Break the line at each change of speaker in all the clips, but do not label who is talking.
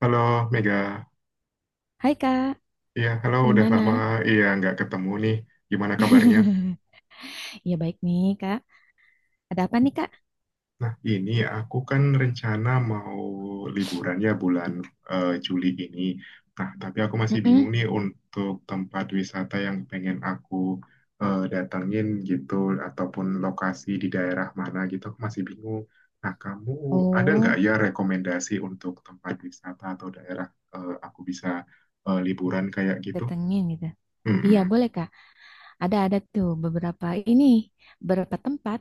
Halo Mega,
Hai Kak,
iya halo udah
gimana?
lama iya nggak ketemu nih, gimana kabarnya?
Iya baik nih Kak. Ada apa nih Kak?
Nah ini aku kan rencana mau liburan ya bulan Juli ini. Nah tapi aku masih bingung
Mm-mm.
nih untuk tempat wisata yang pengen aku datengin gitu ataupun lokasi di daerah mana gitu aku masih bingung. Nah kamu ada nggak
Oh,
ya rekomendasi untuk tempat wisata atau daerah aku bisa liburan kayak gitu?
datengin gitu. Iya
Mm-mm.
boleh Kak. Ada tuh beberapa ini, beberapa tempat.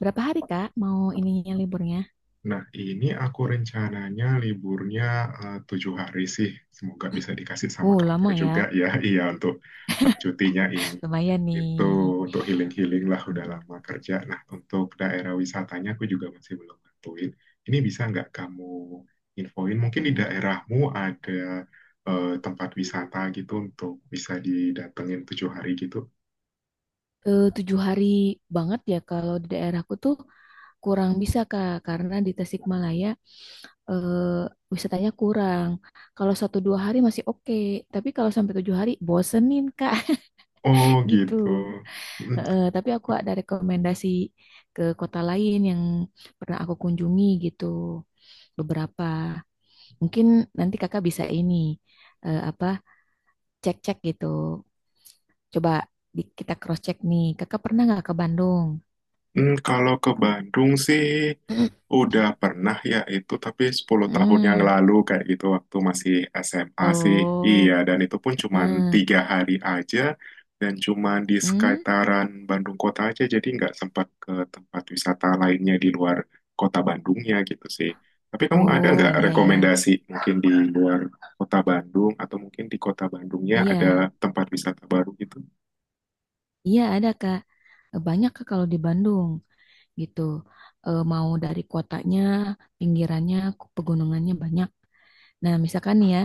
Berapa hari Kak mau ininya liburnya?
Nah, ini aku rencananya liburnya tujuh hari sih. Semoga bisa dikasih sama kantor
Lama
juga
ya.
ya. Iya, untuk cutinya ini.
Lumayan nih.
Itu untuk healing-healing lah udah
Mm-mm.
lama kerja. Nah, untuk daerah wisatanya aku juga masih belum nentuin. Ini bisa nggak kamu infoin? Mungkin di
Mm.
daerahmu ada tempat wisata gitu untuk bisa didatengin tujuh hari gitu.
Tujuh hari banget ya kalau di daerahku tuh kurang bisa Kak karena di Tasikmalaya eh, wisatanya kurang. Kalau satu dua hari masih oke, tapi kalau sampai tujuh hari bosenin Kak
Oh
gitu.
gitu.
Tapi aku ada rekomendasi ke kota lain yang pernah aku kunjungi gitu beberapa. Mungkin nanti Kakak bisa ini apa cek-cek gitu. Coba kita cross check nih. Kakak pernah nggak ke Bandung?
Hmm, kalau ke Bandung sih udah pernah ya itu, tapi 10 tahun yang
Hmm.
lalu kayak gitu waktu masih SMA sih. Iya,
Oh,
dan itu pun cuman
mm,
tiga hari aja dan cuman di
mm.
sekitaran Bandung kota aja jadi nggak sempat ke tempat wisata lainnya di luar kota Bandungnya gitu sih. Tapi kamu ada
Oh
nggak
iya ya,
rekomendasi mungkin di luar kota Bandung atau mungkin di kota Bandungnya ada
iya.
tempat wisata baru gitu?
Iya ada Kak. Banyak Kak kalau di Bandung gitu. Mau dari kotanya, pinggirannya, pegunungannya banyak. Nah misalkan nih ya,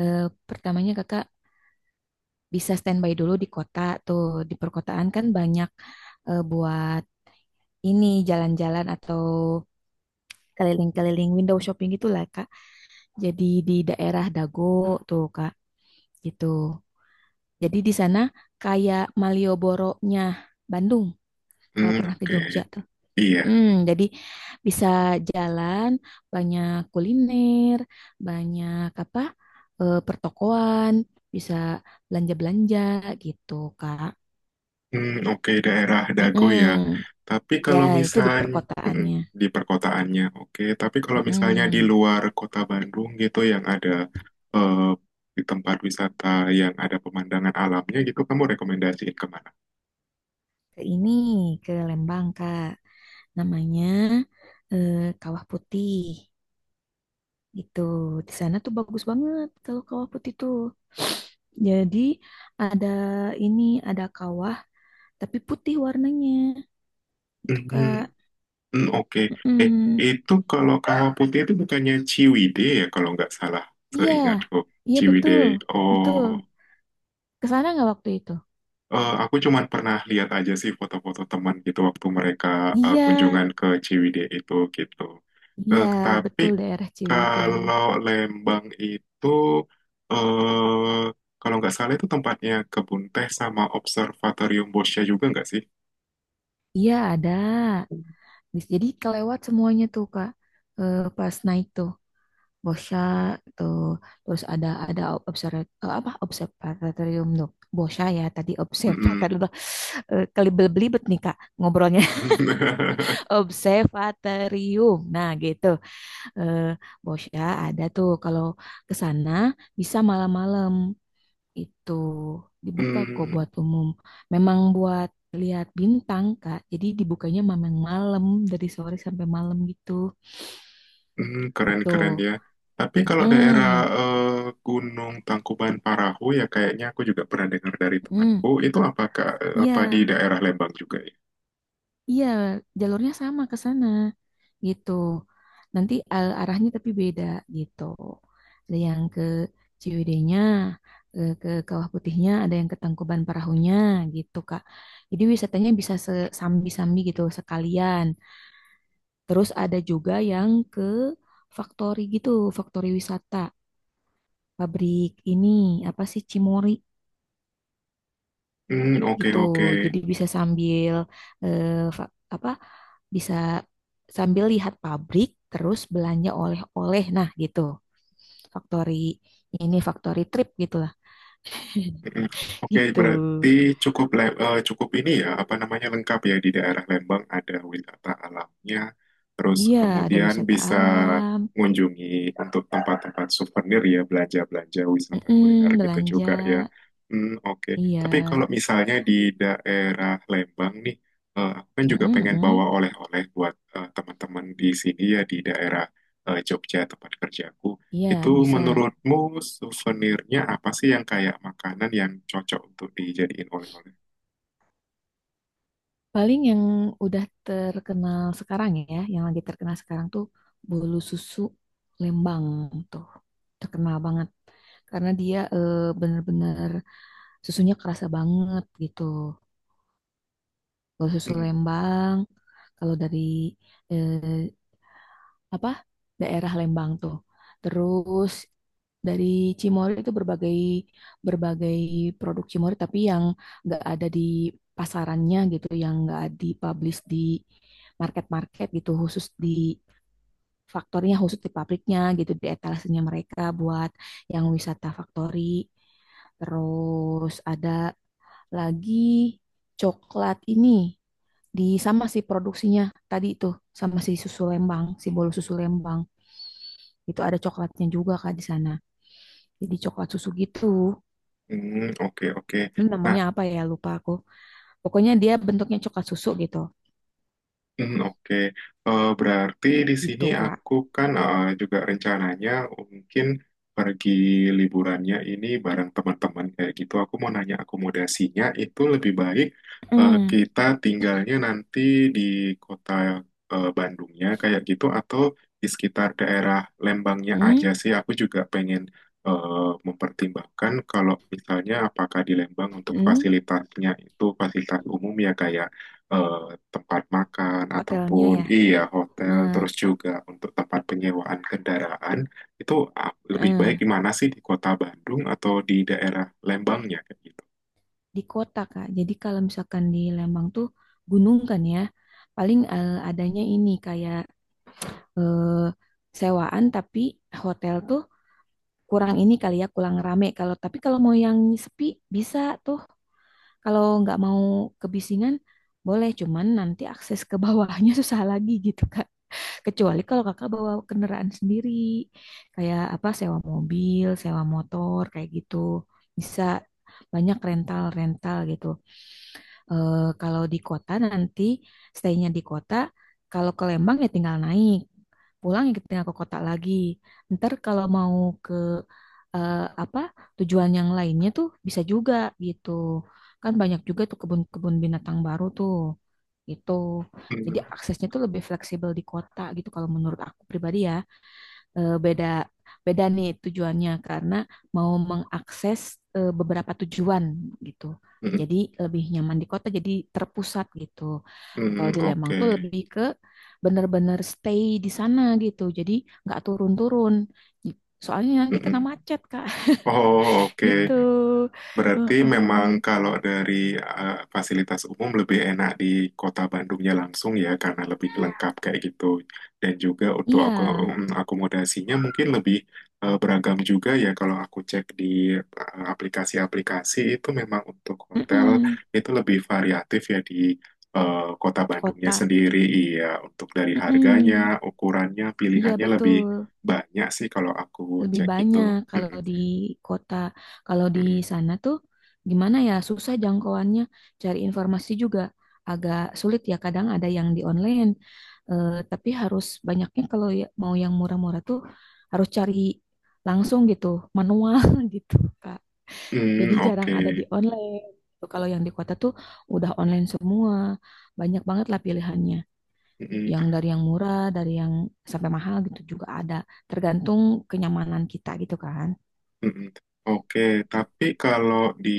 eh, pertamanya Kakak bisa standby dulu di kota tuh. Di perkotaan kan banyak buat ini jalan-jalan atau keliling-keliling window shopping gitulah Kak. Jadi di daerah Dago tuh Kak gitu. Jadi di sana kayak Malioboro-nya Bandung kalau
Hmm,
pernah ke
oke.
Jogja tuh.
Iya,
Jadi bisa jalan, banyak kuliner, banyak apa pertokoan, bisa belanja-belanja gitu, Kak.
hmm, oke, daerah Dago ya.
Mm-mm.
Tapi
Ya,
kalau
itu di
misalnya
perkotaannya.
di perkotaannya, oke. Tapi kalau misalnya di
Mm-mm.
luar kota Bandung gitu yang ada eh, di tempat wisata yang ada pemandangan alamnya gitu, kamu rekomendasiin kemana?
Ke ini, ke Lembang, Kak. Namanya eh, Kawah Putih gitu. Di sana tuh bagus banget kalau Kawah Putih tuh. Jadi ada ini, ada kawah tapi putih warnanya itu
Hmm,
Kak.
hmm, oke. Eh,
Mm-mm.
itu kalau kawah putih itu bukannya Ciwidey ya kalau nggak salah,
Iya,
seingatku.
iya
Ciwidey.
betul, betul.
Oh.
Ke sana nggak waktu itu?
Aku cuman pernah lihat aja sih foto-foto teman gitu waktu mereka
Iya,
kunjungan ke Ciwidey itu gitu.
iya
Tapi
betul daerah Ciwidey.
kalau Lembang itu eh kalau nggak salah itu tempatnya kebun teh sama observatorium Boscha juga nggak sih?
Iya ada. Jadi kelewat semuanya tuh Kak. Pas naik tuh Bosya tuh terus ada observ apa observatorium tuh. Bosya ya tadi
Mm-mm.
observatorium. Kelibet-belibet nih Kak ngobrolnya. Observatorium. Nah, gitu. eh Bosya ada tuh kalau ke sana bisa malam-malam itu dibuka kok
Hmm,
buat umum. Memang buat lihat bintang, Kak. Jadi dibukanya memang malam dari sore sampai malam gitu.
hmm,
Gitu.
keren-keren ya. Tapi kalau daerah
Mm,
eh, Gunung Tangkuban Parahu ya kayaknya aku juga pernah dengar dari
mm,
temanku. Itu apakah apa di
iya.
daerah Lembang juga?
Iya, jalurnya sama ke sana gitu. Nanti arahnya tapi beda gitu. Ada yang ke Ciwidey-nya, ke Kawah Putihnya, ada yang ke Tangkuban Perahunya gitu, Kak. Jadi wisatanya bisa sambi-sambi gitu sekalian. Terus ada juga yang ke Faktori gitu, Faktori wisata, pabrik ini apa sih Cimori
Hmm, oke
gitu.
oke.
Jadi bisa sambil eh, apa? Bisa sambil lihat pabrik terus belanja oleh-oleh. Nah, gitu. Factory ini factory trip gitulah.
Mm, oke,
Gitu.
berarti cukup ini ya, apa namanya, lengkap ya di daerah Lembang ada wisata alamnya, terus
Iya, ada
kemudian
wisata
bisa
alam.
mengunjungi untuk tempat-tempat souvenir ya, belanja-belanja wisata kuliner
Mm-mm,
gitu
belanja.
juga ya. Hmm, oke.
Iya.
Tapi kalau misalnya di daerah Lembang nih, aku kan juga
Mm-mm,
pengen bawa
mm-mm.
oleh-oleh buat eh, teman-teman di sini ya di daerah Jogja tempat kerjaku.
Iya,
Itu
bisa.
menurutmu souvenirnya apa sih yang kayak makanan yang cocok untuk dijadiin oleh-oleh?
Paling yang udah terkenal sekarang ya, yang lagi terkenal sekarang tuh bolu susu Lembang tuh. Terkenal banget. Karena dia bener-bener susunya kerasa banget gitu. Bolu susu
Hmm,
Lembang, kalau dari eh, apa daerah Lembang tuh. Terus dari Cimory itu berbagai berbagai produk Cimory tapi yang nggak ada di pasarannya gitu, yang nggak dipublish di market-market gitu, khusus di faktornya khusus di pabriknya gitu, di etalasenya mereka buat yang wisata factory. Terus ada lagi coklat ini di sama sih produksinya tadi itu sama si susu Lembang, si bolu susu Lembang. Itu ada coklatnya juga Kak di sana. Jadi coklat susu gitu.
hmm, oke oke.
Ini
Nah,
namanya apa ya? Lupa aku. Pokoknya dia bentuknya coklat susu gitu.
hmm, oke. Berarti di sini
Gitu Kak.
aku kan eh, juga rencananya mungkin pergi liburannya ini bareng teman-teman kayak gitu. Aku mau nanya akomodasinya itu lebih baik
Mm.
kita tinggalnya nanti di kota Bandungnya kayak gitu atau di sekitar daerah Lembangnya aja
Mm.
sih. Aku juga pengen mempertimbangkan kalau misalnya apakah di Lembang untuk
Mm.
fasilitasnya itu fasilitas umum ya kayak eh, tempat makan
Hotelnya
ataupun
ya.
iya hotel
Mm.
terus juga untuk tempat penyewaan kendaraan itu lebih baik di
Mm.
mana sih, di kota Bandung atau di daerah Lembangnya kayak gitu.
Di kota Kak. Jadi kalau misalkan di Lembang tuh gunung kan ya. Paling adanya ini kayak eh, sewaan tapi hotel tuh kurang ini kali ya kurang rame tapi kalau mau yang sepi bisa tuh. Kalau nggak mau kebisingan, boleh. Cuman nanti akses ke bawahnya susah lagi gitu, Kak. Kecuali kalau Kakak bawa kendaraan sendiri. Kayak apa, sewa mobil, sewa motor, kayak gitu. Bisa banyak rental-rental gitu. Kalau di kota nanti, stay-nya di kota. Kalau ke Lembang ya tinggal naik. Pulang ya tinggal ke kota lagi. Ntar kalau mau ke eh, apa tujuan yang lainnya tuh bisa juga gitu. Kan banyak juga tuh kebun-kebun binatang baru tuh. Gitu. Jadi
Hmm,
aksesnya tuh lebih fleksibel di kota gitu kalau menurut aku pribadi ya. Beda beda nih tujuannya karena mau mengakses beberapa tujuan gitu.
hmm,
Jadi lebih nyaman di kota jadi terpusat gitu. Nah,
hmm,
kalau di Lembang
oke.
tuh lebih ke bener-bener stay di sana gitu. Jadi nggak turun-turun. Soalnya
Hmm,
nanti kena
hmm.
macet, Kak,
Oh,
gitu.
oke. Berarti memang
Heeh.
kalau dari fasilitas umum lebih enak di kota Bandungnya langsung ya karena lebih lengkap kayak gitu, dan juga untuk
Iya,
aku akomodasinya mungkin lebih beragam juga ya kalau aku cek di aplikasi-aplikasi itu memang untuk hotel
mm-mm.
itu lebih variatif ya di eh, kota Bandungnya
Kota.
sendiri, iya untuk dari harganya,
Mm-mm.
ukurannya,
Iya
pilihannya lebih
betul,
banyak sih kalau aku
lebih
cek itu.
banyak kalau
Mm-mm,
di kota. Kalau di
mm-mm.
sana tuh gimana ya, susah jangkauannya. Cari informasi juga agak sulit ya. Kadang ada yang di online. Tapi harus banyaknya kalau mau yang murah-murah tuh harus cari langsung gitu, manual gitu, Kak. Jadi
Hmm,
jarang
oke.
ada di online. Gitu. Kalau yang di kota tuh udah online semua. Banyak banget lah pilihannya.
Mm-mm,
Yang dari yang murah, dari yang sampai mahal gitu juga ada. Tergantung kenyamanan kita gitu kan.
mm-mm. Oke, tapi kalau di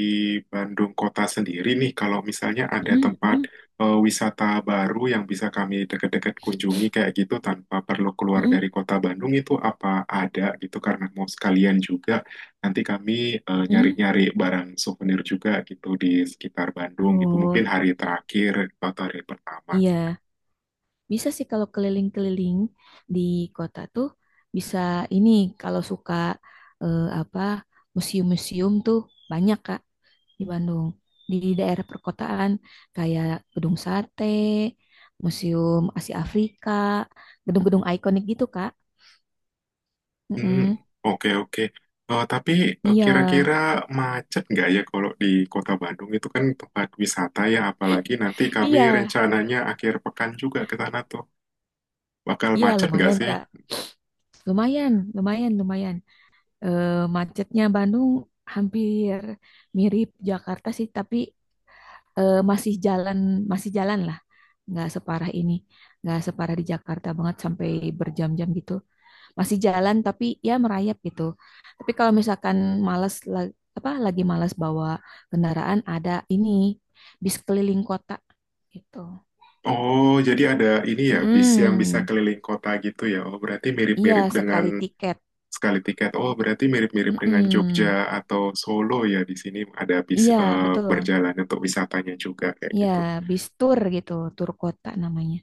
Bandung kota sendiri nih, kalau misalnya ada
Mm,
tempat
mm,
wisata baru yang bisa kami deket-deket kunjungi kayak gitu tanpa perlu keluar
mm,
dari kota Bandung, itu apa ada gitu karena mau sekalian juga nanti kami
mm.
nyari-nyari barang souvenir juga gitu di sekitar Bandung gitu mungkin
Oh,
hari terakhir atau hari pertama.
iya. Bisa sih kalau keliling-keliling di kota tuh bisa ini kalau suka apa museum-museum tuh banyak Kak di Bandung. Di daerah perkotaan kayak Gedung Sate, Museum Asia Afrika, gedung-gedung ikonik gitu Kak.
Hmm,
Mm-mm.
oke oke. Tapi
Iya,
kira-kira macet nggak ya kalau di Kota Bandung itu kan tempat wisata ya, apalagi nanti kami
iya,
rencananya akhir pekan juga ke sana tuh. Bakal
iya
macet nggak
lumayan
sih?
Kak. Lumayan, lumayan, lumayan. Eh, Macetnya Bandung hampir mirip Jakarta sih, tapi masih jalan, masih jalan lah, nggak separah ini nggak separah di Jakarta banget sampai berjam-jam gitu. Masih jalan tapi ya merayap gitu. Tapi kalau misalkan malas apa lagi malas bawa kendaraan, ada ini bis keliling kota gitu.
Oh, jadi ada ini ya bis yang bisa
Mm,
keliling kota gitu ya. Oh, berarti
iya,
mirip-mirip dengan
sekali tiket.
sekali tiket. Oh, berarti mirip-mirip dengan Jogja
Mm-mm.
atau Solo ya. Di sini ada bis
Iya betul,
berjalan untuk wisatanya juga kayak
iya,
gitu.
bis tur gitu, tur kota namanya,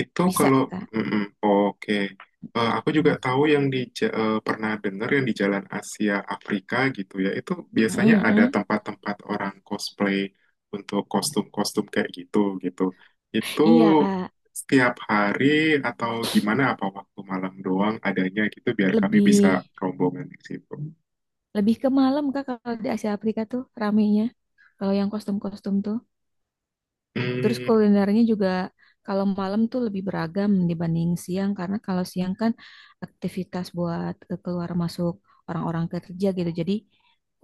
Itu
bisa
kalau
Kak.
mm-mm, oke. Eh, aku juga
Mm.
tahu yang pernah dengar yang di Jalan Asia Afrika gitu ya. Itu biasanya ada
Mm-mm.
tempat-tempat orang cosplay untuk kostum-kostum kayak gitu gitu. Itu
Iya, Kak.
setiap hari atau gimana, apa waktu malam doang adanya gitu biar kami bisa
Lebih
rombongan di situ.
Lebih ke malam Kak kalau di Asia Afrika tuh ramenya. Kalau yang kostum-kostum tuh. Terus
Hmm,
kulinernya juga kalau malam tuh lebih beragam dibanding siang karena kalau siang kan aktivitas buat keluar masuk orang-orang kerja gitu. Jadi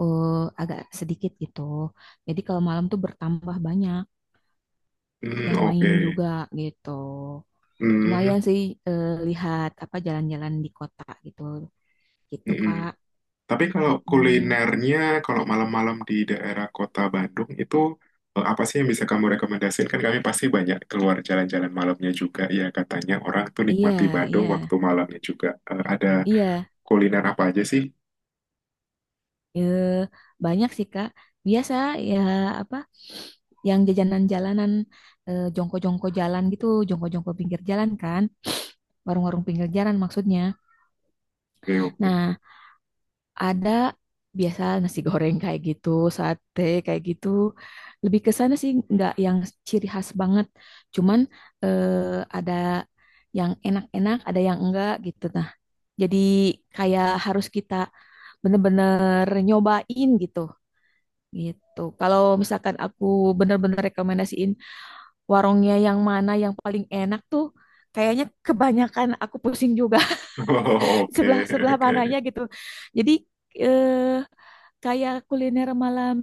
eh, agak sedikit gitu. Jadi kalau malam tuh bertambah banyak
hmm,
yang main
oke.
juga gitu.
Hmm,
Lumayan sih lihat apa jalan-jalan di kota gitu. Gitu
mm-mm.
Kak.
Tapi kalau
Mm-mm.
kulinernya, kalau malam-malam di daerah kota Bandung itu apa sih yang bisa kamu rekomendasikan? Kan kami pasti banyak keluar jalan-jalan malamnya juga. Ya katanya orang tuh
Iya,
nikmati Bandung
iya.
waktu malamnya juga. Eh, ada
Iya,
kuliner apa aja sih?
ya, banyak sih Kak. Biasa ya apa yang jajanan jalanan jongko-jongko jalan gitu, jongko-jongko pinggir jalan kan, warung-warung pinggir jalan maksudnya.
Oke, oke.
Nah, ada biasa nasi goreng kayak gitu, sate kayak gitu. Lebih ke sana sih nggak yang ciri khas banget. Cuman eh, ada yang enak-enak, ada yang enggak gitu. Nah, jadi kayak harus kita bener-bener nyobain gitu. Gitu. Kalau misalkan aku bener-bener rekomendasiin warungnya yang mana yang paling enak tuh, kayaknya kebanyakan aku pusing juga
Oh, oke,
sebelah-sebelah
oke.
mananya gitu. Jadi eh, kayak kuliner malam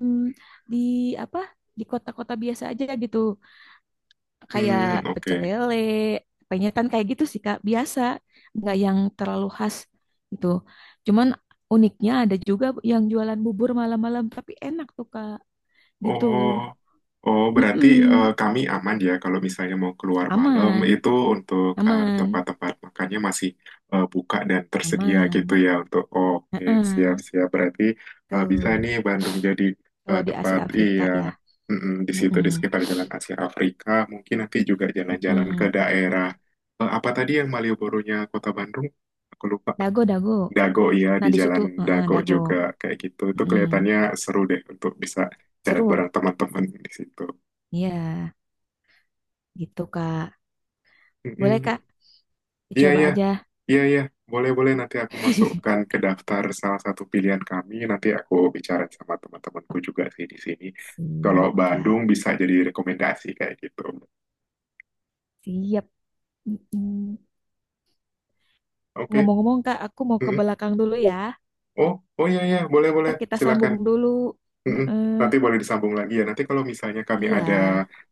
di apa? Di kota-kota biasa aja gitu. Kayak
Hmm,
pecel
oke.
lele, penyetan kayak gitu sih Kak, biasa, nggak yang terlalu khas gitu. Cuman uniknya ada juga yang jualan bubur malam-malam tapi enak tuh Kak, gitu.
Oh, oh berarti
Mm-mm.
kami aman ya kalau misalnya mau keluar malam
Aman,
itu untuk
aman,
tempat-tempat makannya masih buka dan tersedia gitu
aman.
ya untuk oh, oke,
Heeh,
siap-siap berarti bisa
tuh,
nih Bandung jadi eh,
kalau di
tempat
Asia Afrika
iya
ya.
mm-mm, di situ di
Heeh,
sekitar Jalan Asia Afrika mungkin nanti juga jalan-jalan ke
heeh.
daerah apa tadi yang Malioboro-nya Kota Bandung aku lupa,
Dago, dago.
Dago ya,
Nah,
di
di situ
jalan
heeh,
Dago
Dago.
juga kayak gitu itu
Heeh.
kelihatannya seru deh untuk bisa jalan
Seru.
bareng teman-teman di situ.
Iya, gitu, Kak. Boleh,
Mm-mm.
Kak?
Iya
Dicoba
iya
aja.
iya iya boleh boleh, nanti aku masukkan ke daftar salah satu pilihan kami, nanti aku bicara sama teman-temanku juga sih di sini. Kalau
Siap, Kak.
Bandung bisa jadi rekomendasi kayak gitu.
Siap. Mm-mm.
Oke.
Ngomong-ngomong, Kak, aku mau ke
Mm-mm.
belakang dulu ya.
Oh oh iya iya boleh boleh
Ntar kita
silakan.
sambung dulu.
Mm-mm. Nanti
Heeh.
boleh disambung lagi ya. Nanti kalau misalnya kami
Iya,
ada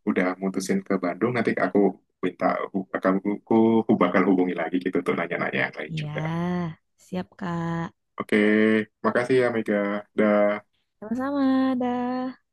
udah mutusin ke Bandung, nanti aku minta hu- kamu ku, ku bakal hubungi lagi gitu untuk nanya-nanya yang lain
iya.
juga.
Siap, Kak.
Oke, makasih ya Mega. Dah.
Sama-sama, dah.